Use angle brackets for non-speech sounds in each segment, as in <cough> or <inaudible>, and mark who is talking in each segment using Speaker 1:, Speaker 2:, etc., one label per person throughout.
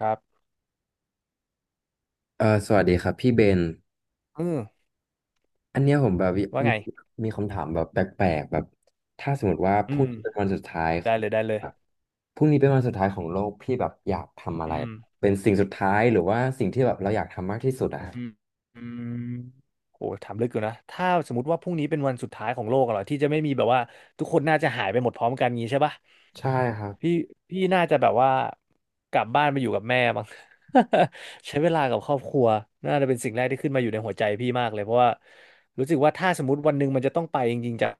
Speaker 1: ครับ
Speaker 2: เออสวัสดีครับพี่เบน
Speaker 1: เออ
Speaker 2: อันเนี้ยผมแบบมี
Speaker 1: ว่าไง
Speaker 2: มีคำถามแบบแปลกๆแบบถ้าสมมติว่าพ
Speaker 1: อื
Speaker 2: รุ่ง
Speaker 1: ม
Speaker 2: นี้เป็นวันสุดท้ายข
Speaker 1: ได้
Speaker 2: อง
Speaker 1: เลยได้เลย
Speaker 2: แบบพรุ่งนี้เป็นวันสุดท้ายของโลกพี่แบบอยากทำอะไร
Speaker 1: อืม
Speaker 2: เป็นสิ่งสุดท้ายหรือว่าสิ่งที่แบบเราอยากทำมากที่สุดอะ
Speaker 1: อืมอืมโอ้ถามลึกอยู่นะถ้าสมมติว่าพรุ่งนี้เป็นวันสุดท้ายของโลกอะเหรอที่จะไม่มีแบบว่าทุกคนน่าจะหายไปหมดพร้อมกันงี้ใช่ปะ
Speaker 2: ใช่ครับ
Speaker 1: พี่พี่น่าจะแบบว่ากลับบ้านไปอยู่กับแม่บ้าง <laughs> ใช้เวลากับครอบครัว น่าจะเป็นสิ่งแรกที่ขึ้นมาอยู่ในหัวใจพี่มากเลย เพราะว่า รู้สึกว่าถ้าสมมติวันหนึ่งมันจะต้องไปจริงๆจาก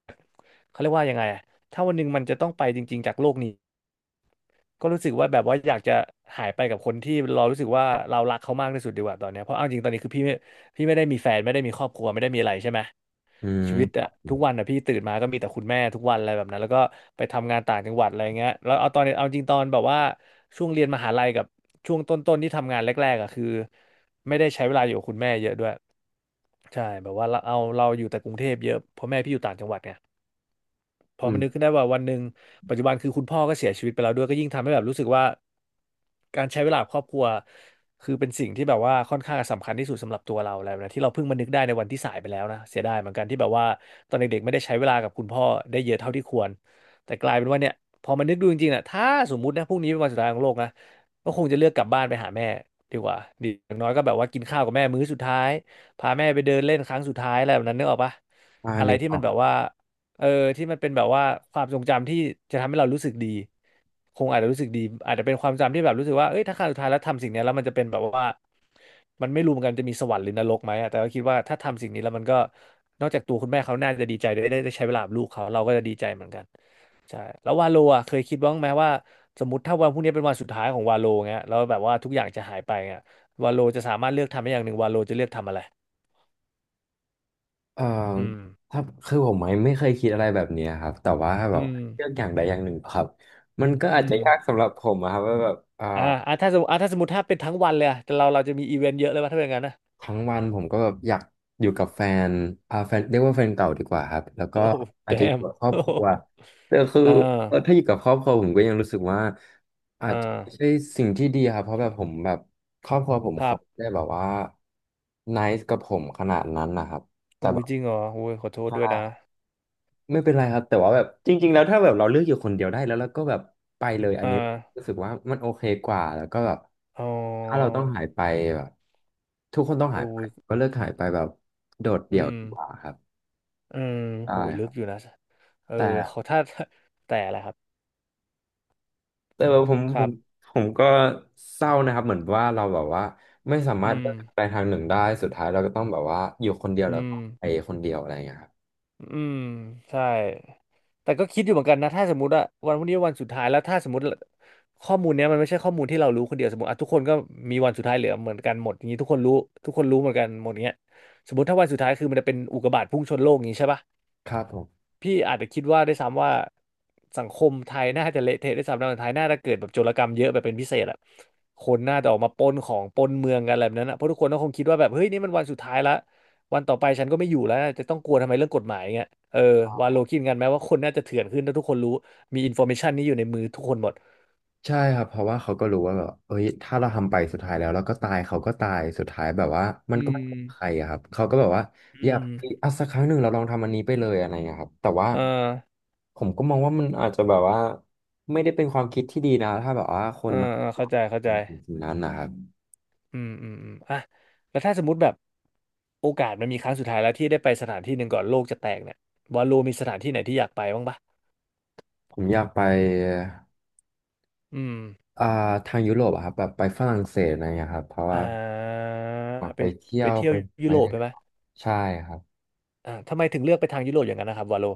Speaker 1: เขาเรียกว่ายังไงอะถ้าวันหนึ่งมันจะต้องไปจริงๆจากโลกนี้ ก็รู้สึกว่าแบบว่าอยากจะหายไปกับคนที่เรารู้สึกว่าเรารักเขามากที่สุดดีกว่าตอนเนี้ยเพราะเอาจริงตอนนี้คือพี่ไม่ได้มีแฟนไม่ได้มีครอบครัวไม่ได้มีอะไรใช่ไหม
Speaker 2: อืม
Speaker 1: ชีวิต
Speaker 2: ครั
Speaker 1: อะ
Speaker 2: บ
Speaker 1: ทุกวันอะพี่ตื่นมาก็มีแต่คุณแม่ทุกวันอะไรแบบนั้นแล้วก็ไปทำงานต่างจังหวัดอะไรเงี้ยแล้วเอาตอนเอาจริงตอนแบบว่าช่วงเรียนมหาลัยกับช่วงต้นๆที่ทำงานแรกๆอะคือไม่ได้ใช้เวลาอยู่กับคุณแม่เยอะด้วยใช่แบบว่าเราเอาเราอยู่แต่กรุงเทพเยอะเพราะแม่พี่อยู่ต่างจังหวัดไงพอ
Speaker 2: อื
Speaker 1: มันนึก
Speaker 2: ม
Speaker 1: ขึ้นได้ว่าวันหนึ่งปัจจุบันคือคุณพ่อก็เสียชีวิตไปแล้วด้วยก็ยิ่งทำให้แบบรู้สึกว่า การใช้เวลากับครอบครัวคือเป็นสิ่งที่แบบว่าค่อนข้างสำคัญที่สุดสำหรับตัวเราแล้วนะที่เราเพิ่งมานึกได้ในวันที่สายไปแล้วนะเสียดายเหมือนกันที่แบบว่าตอนเด็กๆไม่ได้ใช้เวลากับคุณพ่อได้เยอะเท่าที่ควรแต่กลายเป็นว่าเนี่ยพอมานึกดูจริงๆอ่ะถ้าสมมุตินะพรุ่งนี้เป็นวันสุดท้ายของโลกนะก็คงจะเลือกกลับบ้านไปหาแม่ดีกว่าดีอย่างน้อยก็แบบว่ากินข้าวกับแม่มื้อสุดท้ายพาแม่ไปเดินเล่นครั้งสุดท้ายอะไรแบบนั้นนึกออกปะ
Speaker 2: อ่า
Speaker 1: อะไร
Speaker 2: นึก
Speaker 1: ที่
Speaker 2: ออ
Speaker 1: มัน
Speaker 2: ก
Speaker 1: แบ
Speaker 2: ค
Speaker 1: บ
Speaker 2: รั
Speaker 1: ว่า
Speaker 2: บ
Speaker 1: เออที่มันเป็นแบบว่าความทรงจำที่จะทำให้เรารู้สึกดีคงอาจจะรู้สึกดีอาจจะเป็นความจำที่แบบรู้สึกว่าเอ้ยถ้าครั้งสุดท้ายแล้วทำสิ่งเนี้ยแล้วมันจะเป็นแบบว่ามันไม่รู้เหมือนกันจะมีสวรรค์หรือนรกไหมอะแต่ก็คิดว่าถ้าทำสิ่งนี้แล้วมันก็นอกจากตัวคุณแม่เขาน่าจะดีใจได้ใช้เวลากับลูกเขาเราก็จะดีใจเหมือนกันใช่แล้ววาโลอ่ะเคยคิดบ้างไหมว่าสมมติถ้าวันพรุ่งนี้เป็นวันสุดท้ายของวาโลเงี้ยแล้วแบบว่าทุกอย่างจะหายไปเงี้ยวาโลจะสามารถเลือกทำได้อย่างหนึ่งวาโลจะเลือกทำอะไร
Speaker 2: เออ
Speaker 1: อืม
Speaker 2: ถ้าคือผมไม่เคยคิดอะไรแบบเนี้ยครับแต่ว่าแบบ
Speaker 1: อืม
Speaker 2: เลือกอย่างใดอย่างหนึ่งครับมันก็อาจ
Speaker 1: อื
Speaker 2: จะ
Speaker 1: ม
Speaker 2: ยากสำหรับผมอะครับว่าแบบ
Speaker 1: ถ้าสมมติถ้าสมมติถ้าเป็นทั้งวันเลยอะแต่เราจะมีอีเวนต์เยอะเลยว่าถ้าเป็นอย่างนั้นนะ
Speaker 2: ทั้งวันผมก็แบบอยากอยู่กับแฟนแฟนเรียกว่าแฟนเก่าดีกว่าครับแล้ว
Speaker 1: <laughs>
Speaker 2: ก็
Speaker 1: โอ้
Speaker 2: อา
Speaker 1: แด
Speaker 2: จจะอยู่
Speaker 1: ม
Speaker 2: กับครอบ
Speaker 1: โอ้
Speaker 2: ครั
Speaker 1: damn
Speaker 2: วแต่คือ
Speaker 1: <laughs> อ่า
Speaker 2: เออถ้าอยู่กับครอบครัวผมก็ยังรู้สึกว่าอา
Speaker 1: อ่
Speaker 2: จจะไม่ใช่
Speaker 1: า
Speaker 2: สิ่งที่ดีครับเพราะแบบผมแบบครอบครัวผม
Speaker 1: ครั
Speaker 2: เขาไม่
Speaker 1: บ
Speaker 2: ได้แบบว่า nice กับผมขนาดนั้นนะครับแต่
Speaker 1: อุ้
Speaker 2: แบ
Speaker 1: ย
Speaker 2: บ
Speaker 1: จริงเหรออุ้ยขอโทษด้วยนะ
Speaker 2: ใช่ ไม่เป็นไรครับแต่ว่าแบบจริงๆแล้วถ้าแบบเราเลือกอยู่คนเดียวได้แล้วเราก็แบบไปเลยอั
Speaker 1: อ่
Speaker 2: นนี้รู้
Speaker 1: า
Speaker 2: สึกว่ามันโอเคกว่าแล้วก็แบบ
Speaker 1: อ๋อ
Speaker 2: ถ้าเราต้องหายไปแบบทุกคนต้อง
Speaker 1: เออ
Speaker 2: หายไป
Speaker 1: อุ้ย
Speaker 2: ก็เลือกหายไปแบบโดดเดี่
Speaker 1: อื
Speaker 2: ยว
Speaker 1: ม
Speaker 2: ดีกว่าครับ
Speaker 1: อืมโห
Speaker 2: ได้
Speaker 1: ลึ
Speaker 2: ครั
Speaker 1: ก
Speaker 2: บ
Speaker 1: อยู่นะเออเขอ
Speaker 2: แต่
Speaker 1: ถ้าแต่ละครับ
Speaker 2: แต่ว่าผม
Speaker 1: ค
Speaker 2: ผ
Speaker 1: รั
Speaker 2: ม
Speaker 1: บ
Speaker 2: ผมก็เศร้านะครับเหมือนว่าเราแบบว่าไม่สามาร
Speaker 1: อื
Speaker 2: ถเลื
Speaker 1: ม
Speaker 2: อกทางใดทางหนึ่งได้สุดท้ายเราก็ต้องแบบว่าอยู่คนเดียว
Speaker 1: อื
Speaker 2: แล้วก็
Speaker 1: ม
Speaker 2: ไปคนเดียวอะไรอย่างเงี้ยครับ
Speaker 1: อืมใช่แต่ก็คิดอยู่เหมือนกันนะถ้าสมมติว่าวันพรุ่งนี้วันสุดท้ายแล้วถ้าสมมติข้อมูลเนี้ยมันไม่ใช่ข้อมูลที่เรารู้คนเดียวสมมติอ่ะทุกคนก็มีวันสุดท้ายเหลือเหมือนกันหมดอย่างนี้ทุกคนรู้เหมือนกันหมดเงี้ยสมมติถ้าวันสุดท้ายคือมันจะเป็นอุกกาบาตพุ่งชนโลกอย่างนี้ใช่ปะ
Speaker 2: ครับผม
Speaker 1: พี่อาจจะคิดว่าด้วยซ้ำว่าสังคมไทยน่าจะเละเทะด้วยซ้ำนะไทยน่าจะเกิดแบบโจรกรรมเยอะแบบเป็นพิเศษอะคนน่าจะออกมาปล้นของปล้นเมืองกันอะไรแบบนั้นอะเพราะทุกคนก็คงคิดว่าแบบเฮ้ยนี่มันวันสุดท้ายละวันต่อไปฉันก็ไม่อยู่แล้วจะต้องกลัวทำไมเรื่องกฎหมายเงี้ยเออวาโลคิดกันไหมว่าคนน่าจะเถื่อนขึ้นถ้าทุกคนรู้มีอินโฟเมชันนี้อยู่ในมือทุกคนหมด
Speaker 2: ใช่ครับเพราะว่าเขาก็รู้ว่าแบบเอ้ยถ้าเราทำไปสุดท้ายแล้วแล้วก็ตายเขาก็ตายสุดท้ายแบบว่ามัน
Speaker 1: อื
Speaker 2: ก็ไม่
Speaker 1: ม
Speaker 2: เป็นใครอะครับเขาก็แบบว่า
Speaker 1: อื
Speaker 2: อยาก
Speaker 1: ม
Speaker 2: อ่ะสักครั้งหนึ่งเราลองทำอันนี้ไปเลยอะไรอย่างเงี้ยครับแต่ว่า
Speaker 1: เออ
Speaker 2: ผมก็มองว่ามันอาจจะแบบว่าไม่ได้เป็นความคิดที่ดีนะถ้าแบบว่าค
Speaker 1: เอ
Speaker 2: น
Speaker 1: อ
Speaker 2: เรา
Speaker 1: เออเข้าใจเข้าใจ
Speaker 2: สิ่งนั้นนะครับ
Speaker 1: อืมอืมอืมอ่ะแล้วถ้าสมมติแบบโอกาสมันมีครั้งสุดท้ายแล้วที่ได้ไปสถานที่หนึ่งก่อนโลกจะแตกเนี่ยบอลลูมีสถานที่ไหนที่อยากไปบ้างปะ
Speaker 2: ผมอยากไป
Speaker 1: อืม
Speaker 2: อ่าทางยุโรปอะครับแบบไปฝรั่งเศสอะไรอย่างเงี้ยครับเพราะ
Speaker 1: อ่
Speaker 2: ว่า
Speaker 1: า
Speaker 2: อยาก
Speaker 1: ไป
Speaker 2: ไปเที่ยว
Speaker 1: เที่ย
Speaker 2: ไป
Speaker 1: ว
Speaker 2: ไป
Speaker 1: ยุโรปไปไหม
Speaker 2: ใช่ครับ
Speaker 1: ทำไมถึงเลือกไปทางยุโรปอย่างนั้นนะครับวาโล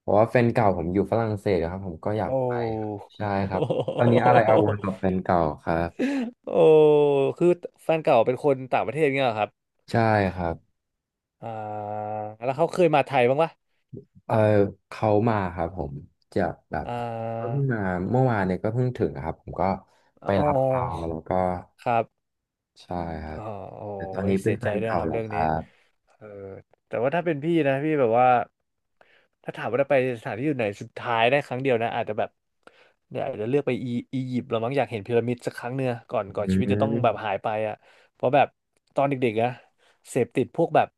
Speaker 2: เพราะว่าแฟนเก่าผมอยู่ฝรั่งเศสครับผมก็อยาก
Speaker 1: โอ้
Speaker 2: ไปครับใช่ครับตอนนี้อะไรอาวรกับแฟนเก่าครับ
Speaker 1: <laughs> โอ้คือแฟนเก่าเป็นคนต่างประเทศเงี้ยเหรอครับ
Speaker 2: ใช่ครับ
Speaker 1: อ่าแล้วเขาเคยมาไทยบ้างปะ
Speaker 2: เออเขามาครับผมจะแบบ
Speaker 1: อ่
Speaker 2: เพิ่ง
Speaker 1: า
Speaker 2: มาเมื่อวานเนี่ยก็เพิ่งถึงนะครับผมก็ไป
Speaker 1: อ๋อ
Speaker 2: รับเขาแล้วก็
Speaker 1: ครับ
Speaker 2: ใช่ครั
Speaker 1: อ๋
Speaker 2: บ
Speaker 1: อโอ้
Speaker 2: แต่ตอน
Speaker 1: ย
Speaker 2: นี้เป็
Speaker 1: เสี
Speaker 2: น
Speaker 1: ย
Speaker 2: แฟ
Speaker 1: ใจ
Speaker 2: น
Speaker 1: ด้วย
Speaker 2: เก่า
Speaker 1: ครับ
Speaker 2: แล้ว
Speaker 1: เรื่อง
Speaker 2: ค
Speaker 1: นี้
Speaker 2: รับ
Speaker 1: เออแต่ว่าถ้าเป็นพี่นะพี่แบบว่า ถ้าถามว่าได้ไปสถานที่อยู่ไหนสุดท้ายได้ครั้งเดียวนะอาจจะแบบเนี่ยอาจจะเลือกไปอียิปต์เรามั้งอยากเห็นพีระมิดสักครั้งเนื้อะก่อน
Speaker 2: อื
Speaker 1: ชีวิตจะต้องแบบ
Speaker 2: ม
Speaker 1: หายไปอ่ะเพราะแบบตอนเด็กๆนะเสพติดพวกแบบ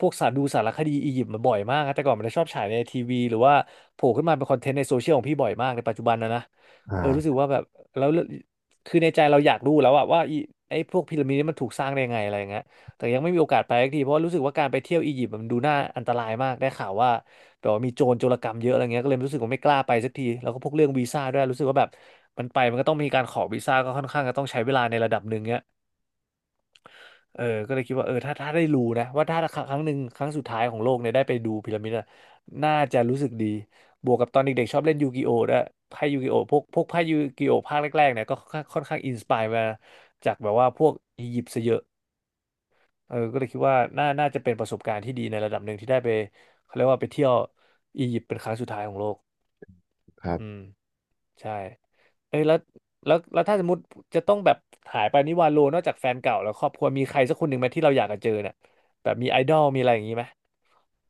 Speaker 1: พวกสารดูสารคดีอียิปต์มาบ่อยมากนะแต่ก่อนมันจะชอบฉายในทีวีหรือว่าโผล่ขึ้นมาเป็นคอนเทนต์ในโซเชียลของพี่บ่อยมากในปัจจุบันนะ
Speaker 2: อ่
Speaker 1: เออรู้สึ
Speaker 2: า
Speaker 1: กว่าแบบแล้ว คือในใจเราอยากรู้แล้วอะว่าไอ้พวกพีระมิดนี่มันถูกสร้างได้ยังไงอะไรอย่างเงี้ยแต่ยังไม่มีโอกาสไปสักทีเพราะว่ารู้สึกว่าการไปเที่ยวอียิปต์มันดูน่าอันตรายมากได้ข่าวว่าแบบว่ามีโจรกรรมเยอะอะไรเงี้ยก็เลยรู้สึกว่าไม่กล้าไปสักทีแล้วก็พวกเรื่องวีซ่าด้วยรู้สึกว่าแบบมันไปมันก็ต้องมีการขอวีซ่าก็ค่อนข้างจะต้องใช้เวลาในระดับหนึ่งเงี้ย เออก็เลยคิดว่าเออถ้าได้รู้นะว่าถ้าครั้งหนึ่งครั้งสุดท้ายของโลกเนี่ยได้ไปดูพีระมิดอะน่าจะรู้สึกดีบวกกับตอนเด็กๆชอบเล่นยูกิโอด้วยไพ่ยูกิโอพวกไพ่ยูกิโอภาคแรกๆเนี่ยก็ค่อนข้างอินสปายมาจากแบบว่าพวกอียิปต์ซะเยอะเออก็เลยคิดว่าน่าจะเป็นประสบการณ์ที่ดีในระดับหนึ่งที่ได้ไปเขาเรียกว่าไปเที่ยวอียิปต์เป็นครั้งสุดท้ายของโลก
Speaker 2: ครั
Speaker 1: อื
Speaker 2: บ
Speaker 1: ม ใช่เอ้ยแล้วแล้วถ้าสมมติจะต้องแบบหายไปนิวาโลนอกจากแฟนเก่าแล้วครอบครัวมีใครสักคนหนึ่งไหมที่เราอยากจะเจอเนี่ยแบบมีไอดอลมีอะไรอย่างนี้ไหม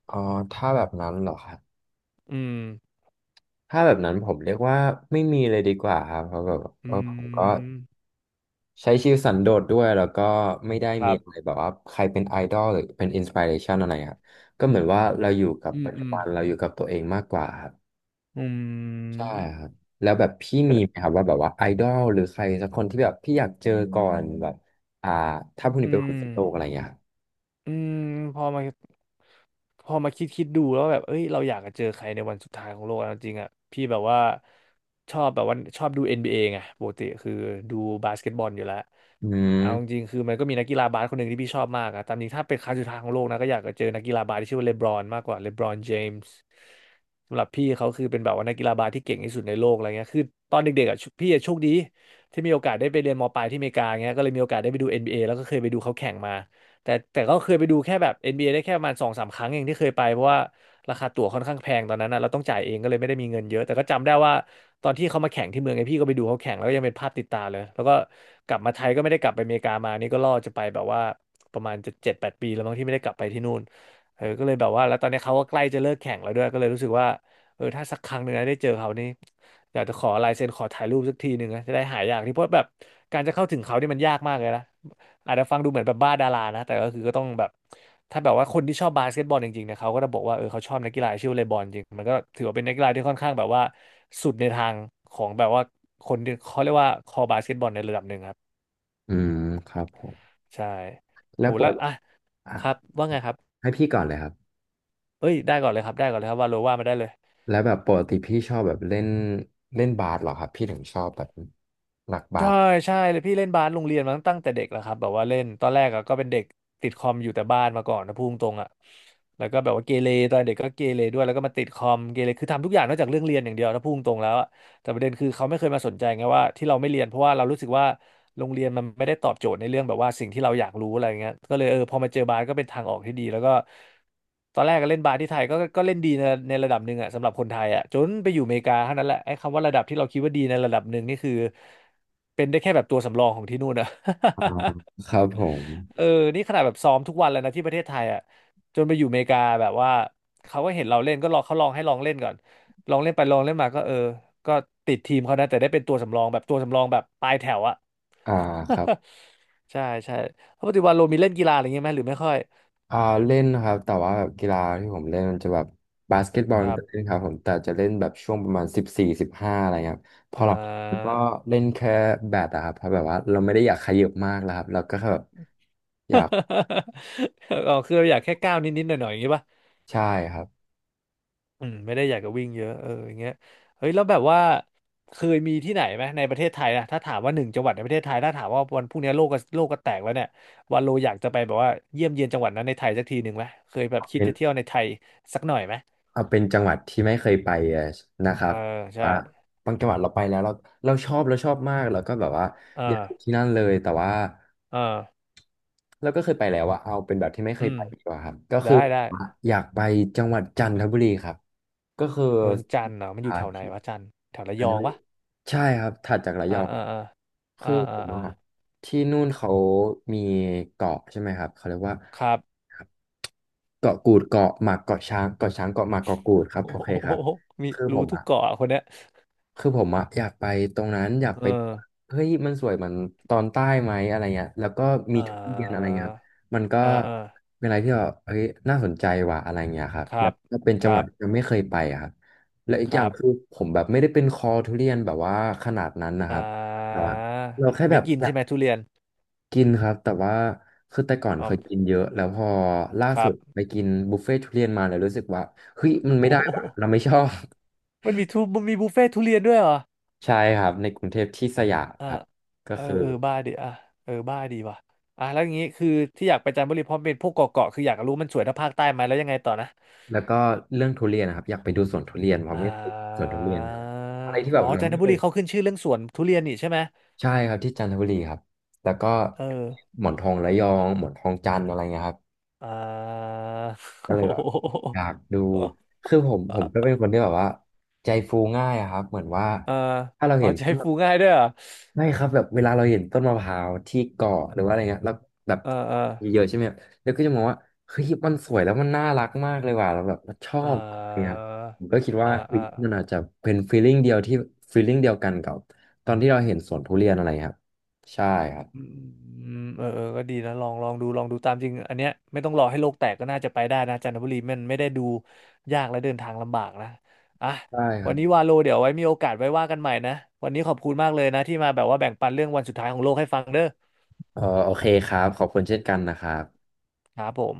Speaker 2: อ๋อถ้าแบบนั้นเหรอครับ
Speaker 1: อืม
Speaker 2: ถ้าแบบนั้นผมเรียกว่าไม่มีเลยดีกว่าครับเพราะแบบเอ
Speaker 1: อื
Speaker 2: อผมก็
Speaker 1: ม
Speaker 2: ใช้ชีวิตสันโดษด้วยแล้วก็ไม่ได้
Speaker 1: ค
Speaker 2: มี
Speaker 1: รับ
Speaker 2: อะไรแบบว่าใครเป็นไอดอลหรือเป็นอินส i r เรชันอะไรครับก็เหมือนว่าเราอยู่กับ
Speaker 1: อืม
Speaker 2: ปัจ
Speaker 1: อื
Speaker 2: จุ
Speaker 1: ม
Speaker 2: บันเราอยู่กับตัวเองมากกว่าครับ
Speaker 1: อื
Speaker 2: ใช่
Speaker 1: ม
Speaker 2: ครับแล้วแบบพี่
Speaker 1: แต่
Speaker 2: มีไหมครับว่าแบบว่าไอดอลหรือใครสักคนที่แบบพี่อยากเจอก่อนแบบอ่าถ้าพรุ่ง
Speaker 1: อื
Speaker 2: นี้เป็นวัน
Speaker 1: ม
Speaker 2: โลกอะไรอย่างเงี้ยครับ
Speaker 1: อืมพอมา พอมาคิดดูแล้วแบบเอ้ยเราอยากจะเจอใครในวันสุดท้ายของโลกอะจริงๆอ่ะพี่แบบว่าชอบดู NBA ไงปกติคือดูบาสเกตบอลอยู่แล้ว
Speaker 2: อื
Speaker 1: เอาจ
Speaker 2: ม
Speaker 1: ริงๆคือมันก็มีนักกีฬาบาสคนหนึ่งที่พี่ชอบมากอะตามจริงถ้าเป็นครั้งสุดท้ายของโลกนะก็อยากจะเจอนักกีฬาบาสที่ชื่อว่าเลบรอนมากกว่าเลบรอนเจมส์สำหรับพี่เขาคือเป็นแบบว่านักกีฬาบาสที่เก่งที่สุดในโลกอะไรเงี้ยคือตอนเด็กๆอ่ะพี่อะโชคดีที่มีโอกาสได้ไปเรียนมปลายที่อเมริกาเงี้ยก็เลยมีโอกาสได้ไปดูNBA แล้วก็เคยไปดูเขาแข่งมา แต่ก็เคยไปดูแค่แบบNBAได้แค่ประมาณ2-3 ครั้งเองที่เคยไปเพราะว่าราคาตั๋วค่อนข้างแพงตอนนั้นนะเราต้องจ่ายเองก็เลยไม่ได้มีเงินเยอะแต่ก็จำได้ว่าตอนที่เขามาแข่งที่เมืองไอพี่ก็ไปดูเขาแข่งแล้วก็ยังเป็นภาพติดตาเลยแล้วก็กลับมาไทยก็ไม่ได้กลับไปอเมริกามานี่ก็ล่อจะไปแบบว่าประมาณจะ7-8 ปีแล้วมั้งที่ไม่ได้กลับไปที่นู่นเออก็เลยแบบว่าแล้วตอนนี้เขาก็ใกล้จะเลิกแข่งแล้วด้วยก็เลยรู้สึกว่าเออถ้าสักครั้งหนึ่งนะได้เจอเขานี่อยากจะขอลายเซ็นขอถ่ายรูปสักทีหนึ่งนะจะได้หายอยากที่เพราะแบบการจะเข้าถึงเขานี่มันยากมากเลยนะ อาจจะฟังดูเหมือนแบบบ้าดารานะแต่ก็คือก็ต้องแบบถ้าแบบว่าคนที่ชอบบาสเกตบอลจริงๆเนี่ยเขาก็จะบอกว่าเออเขาชอบนักกีฬาชื่อเลบรอนจริงมันก็ถือว่าเป็นนักกีฬาที่ค่อนข้างแบบว่าสุดในทางของแบบว่าคนที่เขาเรียกว่าคอบาสเกตบอลในระดับหนึ่งครับ
Speaker 2: อืมครับผม
Speaker 1: ใช่
Speaker 2: แล้
Speaker 1: โห
Speaker 2: วปว
Speaker 1: แล้ว
Speaker 2: ด
Speaker 1: อ่ะ
Speaker 2: อ่ะ
Speaker 1: ครับว่าไงครับ
Speaker 2: ให้พี่ก่อนเลยครับ
Speaker 1: เอ้ยได้ก่อนเลยครับได้ก่อนเลยครับว่าโลว่ามาได้เลย
Speaker 2: แล้วแบบปกติพี่ชอบแบบเล่นเล่นบาสเหรอครับพี่ถึงชอบแบบหนักบา
Speaker 1: ใช่
Speaker 2: ส
Speaker 1: ใช่เลยพี่เล่นบาสโรงเรียนมาตั้งแต่เด็กแล้วครับแบบว่าเล่นตอนแรกอะก็เป็นเด็กติดคอมอยู่แต่บ้านมาก่อนนะพูดตรงๆอะแล้วก็แบบว่าเกเรตอนเด็กก็เกเรด้วยแล้วก็มาติดคอมเกเรคือทำทุกอย่างนอกจากเรื่องเรียนอย่างเดียวนะพูดตรงๆแล้วอะ แต่ประเด็นคือเขาไม่เคยมาสนใจไงว่าที่เราไม่เรียนเพราะว่าเรารู้สึกว่าโรงเรียนมันไม่ได้ตอบโจทย์ในเรื่องแบบว่าสิ่งที่เราอยากรู้อะไรเงี้ยก็เลยพอมาเจอบาสก็เป็นทางออกที่ดีแล้วก็ตอนแรกก็เล่นบาสที่ไทยก็เล่นดีในระดับหนึ่งอะสำหรับคนไทยอะจนไปอยู่อเมริกาเท่านั้นแหละไอ้คำว่าระดับที่เราคิดว่าดีในระดับหนึ่งนี่คือเป็นได้แค่แบบตัวสำรองของที่นู่นนะ
Speaker 2: อ่า
Speaker 1: <laughs>
Speaker 2: ครับผม
Speaker 1: เออนี่ขนาดแบบซ้อมทุกวันแล้วนะที่ประเทศไทยอ่ะจนไปอยู่อเมริกาแบบว่าเขาก็เห็นเราเล่นก็ลองเขาลองให้ลองเล่นก่อน ลองเล่นไปลองเล่นมาก็เออก็ติดทีมเขานะแต่ได้เป็นตัวสำรองแบบตัวสำรองแบบปลายแถวอะ
Speaker 2: อ่าครับ
Speaker 1: <laughs> ใช่ใช่แล้วปัจจุบันโรมีเล่นกีฬาอะไรเงี้ยไหมหรือไม่ค่อย
Speaker 2: อ่าเล่นนะครับแต่ว่าแบบกีฬาที่ผมเล่นมันจะแบบบาสเกตบอ
Speaker 1: ค
Speaker 2: ล
Speaker 1: รั
Speaker 2: ก็
Speaker 1: บ
Speaker 2: เล่นครับผมแต่จะเล่นแบบช่วงประมาณ14-15อะไรเงี้ยครับพอ
Speaker 1: อ่
Speaker 2: หลับก็
Speaker 1: า
Speaker 2: เล่นแค่แบดอะครับเพราะแบบว่าเราไม่ได้อยากขยับมากแล้วครับเราก็แค่แบบอยาก
Speaker 1: <laughs> อ๋อคืออยากแค่ก้าวนิดๆหน่อยๆอย่างงี้ป่ะ
Speaker 2: ใช่ครับ
Speaker 1: อืมไม่ได้อยากจะวิ่งเยอะเอออย่างเงี้ยเฮ้ยแล้วแบบว่าเคยมีที่ไหนไหมในประเทศไทยนะถ้าถามว่าหนึ่งจังหวัดในประเทศไทยถ้าถามว่าวันพรุ่งนี้โลกก็แตกแล้วเนี่ยวันโลอยากจะไปแบบว่าเยี่ยมเยียนจังหวัดนั้นในไทยสักทีหนึ่งไหมเคยแบบ
Speaker 2: เอา
Speaker 1: คิด
Speaker 2: เป็น
Speaker 1: จะเที่ยวในไทยสักหน่อยไหม
Speaker 2: เอาเป็นจังหวัดที่ไม่เคยไปนะครั
Speaker 1: เอ
Speaker 2: บ
Speaker 1: อใช่
Speaker 2: ว่าบางจังหวัดเราไปแล้วเราเราชอบมากแล้วก็แบบว่า
Speaker 1: เอ
Speaker 2: อยากอ
Speaker 1: อ
Speaker 2: ยู่ที่นั่นเลยแต่ว่า
Speaker 1: เออ
Speaker 2: เราก็เคยไปแล้วอะเอาเป็นแบบที่ไม่เค
Speaker 1: อื
Speaker 2: ย
Speaker 1: ม
Speaker 2: ไปดีกว่าครับก็
Speaker 1: ได้
Speaker 2: คือ
Speaker 1: ได้
Speaker 2: อยากไปจังหวัดจันทบุรีครับ ก็คือ
Speaker 1: เมืองจันทร์เหรอมันอยู่
Speaker 2: หา
Speaker 1: แถวไหน
Speaker 2: ทีก
Speaker 1: วะจันทร์แถวระ
Speaker 2: อั
Speaker 1: ย
Speaker 2: น
Speaker 1: อ
Speaker 2: นี้
Speaker 1: งปะ
Speaker 2: ใช่ครับถัดจากระย
Speaker 1: อ่า
Speaker 2: อง
Speaker 1: อ่าอ่าอ่า
Speaker 2: คือผ
Speaker 1: อ่า
Speaker 2: ม
Speaker 1: อ่า
Speaker 2: อะที่นู่นเขามีเกาะใช่ไหมครับเขาเรียกว่า
Speaker 1: ครับ
Speaker 2: ครับเกาะกูดเกาะหมากเกาะช้างเกาะช้างเกาะหมากเกาะกูดครั
Speaker 1: <laughs>
Speaker 2: บ
Speaker 1: โอ้
Speaker 2: โอ
Speaker 1: โห
Speaker 2: เคครับ
Speaker 1: มี
Speaker 2: คือผ
Speaker 1: รู้
Speaker 2: ม
Speaker 1: ทุก
Speaker 2: อะ
Speaker 1: เกาะอะคนเนี้ย
Speaker 2: คือผมอะอยากไปตรงนั้นอยาก
Speaker 1: เอ
Speaker 2: ไป
Speaker 1: อ
Speaker 2: เฮ้ยมันสวยเหมือนตอนใต้ไหมอะไรเงี้ยแล้วก็มี
Speaker 1: อ่
Speaker 2: ทุเรียนอะไร
Speaker 1: า
Speaker 2: เงี้ยครับมันก็
Speaker 1: อ่าอ่า
Speaker 2: เป็นอะไรที่แบบเฮ้ยน่าสนใจว่ะอะไรเงี้ยครับ
Speaker 1: ค
Speaker 2: แล้
Speaker 1: รั
Speaker 2: ว
Speaker 1: บ
Speaker 2: ก็เป็น
Speaker 1: ค
Speaker 2: จังห
Speaker 1: รั
Speaker 2: วัด
Speaker 1: บ
Speaker 2: ที่ยังไม่เคยไปอะครับและอี
Speaker 1: ค
Speaker 2: กอ
Speaker 1: รั
Speaker 2: ย่างคือ
Speaker 1: บ
Speaker 2: ผมแบบไม่ได้เป็นคอทุเรียนแบบว่าขนาดนั้นนะค
Speaker 1: อ่
Speaker 2: รับแต่
Speaker 1: า
Speaker 2: ว่าเราแค่แบ
Speaker 1: ไม่
Speaker 2: บ
Speaker 1: กิน
Speaker 2: อยา
Speaker 1: ใช่
Speaker 2: ก
Speaker 1: ไหมทุเรียน
Speaker 2: กินครับแต่ว่าคือแต่ก่อน
Speaker 1: อ๋อ
Speaker 2: เคยกินเยอะแล้วพอล่า
Speaker 1: ครั
Speaker 2: สุ
Speaker 1: บ
Speaker 2: ดไปกินบุฟเฟ่ต์ทุเรียนมาแล้วรู้สึกว่าเฮ้ยมัน
Speaker 1: <laughs>
Speaker 2: ไม่
Speaker 1: โอ้
Speaker 2: ได้
Speaker 1: โห
Speaker 2: ว่ะเราไม่ชอบ
Speaker 1: มันมีมันมีบุฟเฟ่ต์ทุเรียนด้วยเหรอ
Speaker 2: ใช่ครับในกรุงเทพที่สยาม
Speaker 1: อ่า
Speaker 2: ครับก็
Speaker 1: เออ
Speaker 2: คือ
Speaker 1: เออบ้าดิอ่ะเออบ้าดีว่ะอ่ะแล้วอย่างงี้คือที่อยากไปจันทบุรีเพราะเป็นพวกเกาะคืออยากรู้มันสวยเท่าภาคใต้ไหมแล้วยังไงต่อนะ
Speaker 2: แล้วก็เรื่องทุเรียนนะครับอยากไปดูสวนทุเรียนเพราะ
Speaker 1: อ่
Speaker 2: ไม่เคยสวนทุเรียนนะครับ
Speaker 1: า
Speaker 2: อะไรที่แบ
Speaker 1: อ๋อ
Speaker 2: บเรา
Speaker 1: จันท
Speaker 2: ไม่
Speaker 1: บุ
Speaker 2: เคย
Speaker 1: รีเขาขึ้นชื่อเรื่องสวนทุเรียนนี่ใช่ไหม
Speaker 2: ใช่ครับที่จันทบุรีครับแล้วก็
Speaker 1: เออ
Speaker 2: หมอนทองระยองหมอนทองจันทร์อะไรเงี้ยครับ
Speaker 1: อ่า <laughs>
Speaker 2: ก็
Speaker 1: โอ้
Speaker 2: เลย
Speaker 1: โห
Speaker 2: แบบอยากดูคือผมก็เป็นคนที่แบบว่าใจฟูง่ายอะครับเหมือนว่า
Speaker 1: เออ
Speaker 2: ถ้าเรา
Speaker 1: อ๋อ
Speaker 2: เห็น
Speaker 1: ใจฟูง่ายด้วยเหรอ
Speaker 2: ไม่ครับแบบเวลาเราเห็นต้นมะพร้าวที่เกาะหรือว่าอะไรเงี้ยแล้วแบบ
Speaker 1: เออเออ
Speaker 2: เยอะๆใช่ไหมแล้วก็จะมองว่าเฮ้ยมันสวยแล้วมันน่ารักมากเลยว่ะเราแบบเราชอ
Speaker 1: เอ
Speaker 2: บอะไรเงี้ย
Speaker 1: อ
Speaker 2: ผมก็คิด
Speaker 1: เอ
Speaker 2: ว่า
Speaker 1: อเอ
Speaker 2: เฮ้
Speaker 1: อ
Speaker 2: ยมันอาจจะเป็นฟีลลิ่งเดียวกันกับตอนที่เราเห็นสวนทุเรียนอะไรครับใช่ครับ
Speaker 1: อืมเออเออก็ดีนะ ลองลองดูลองดูตามจริง อันเนี้ยไม่ต้องรอให้โลกแตกก็น่าจะไปได้นะจันทบุรีมันไม่ได้ดูยากและเดินทางลำบากนะอ่ะ
Speaker 2: ใช่ค
Speaker 1: วั
Speaker 2: รั
Speaker 1: น
Speaker 2: บ
Speaker 1: นี้วาโลเดี๋ยวไว้มีโอกาสไว้ว่ากันใหม่นะ วันนี้ขอบคุณมากเลยนะที่มาแบบว่าแบ่งปันเรื่องวันสุดท้ายของโลกให้ฟังเด้อ
Speaker 2: เออโอเคครับขอบคุณเช่นกันนะครับ
Speaker 1: ครับผม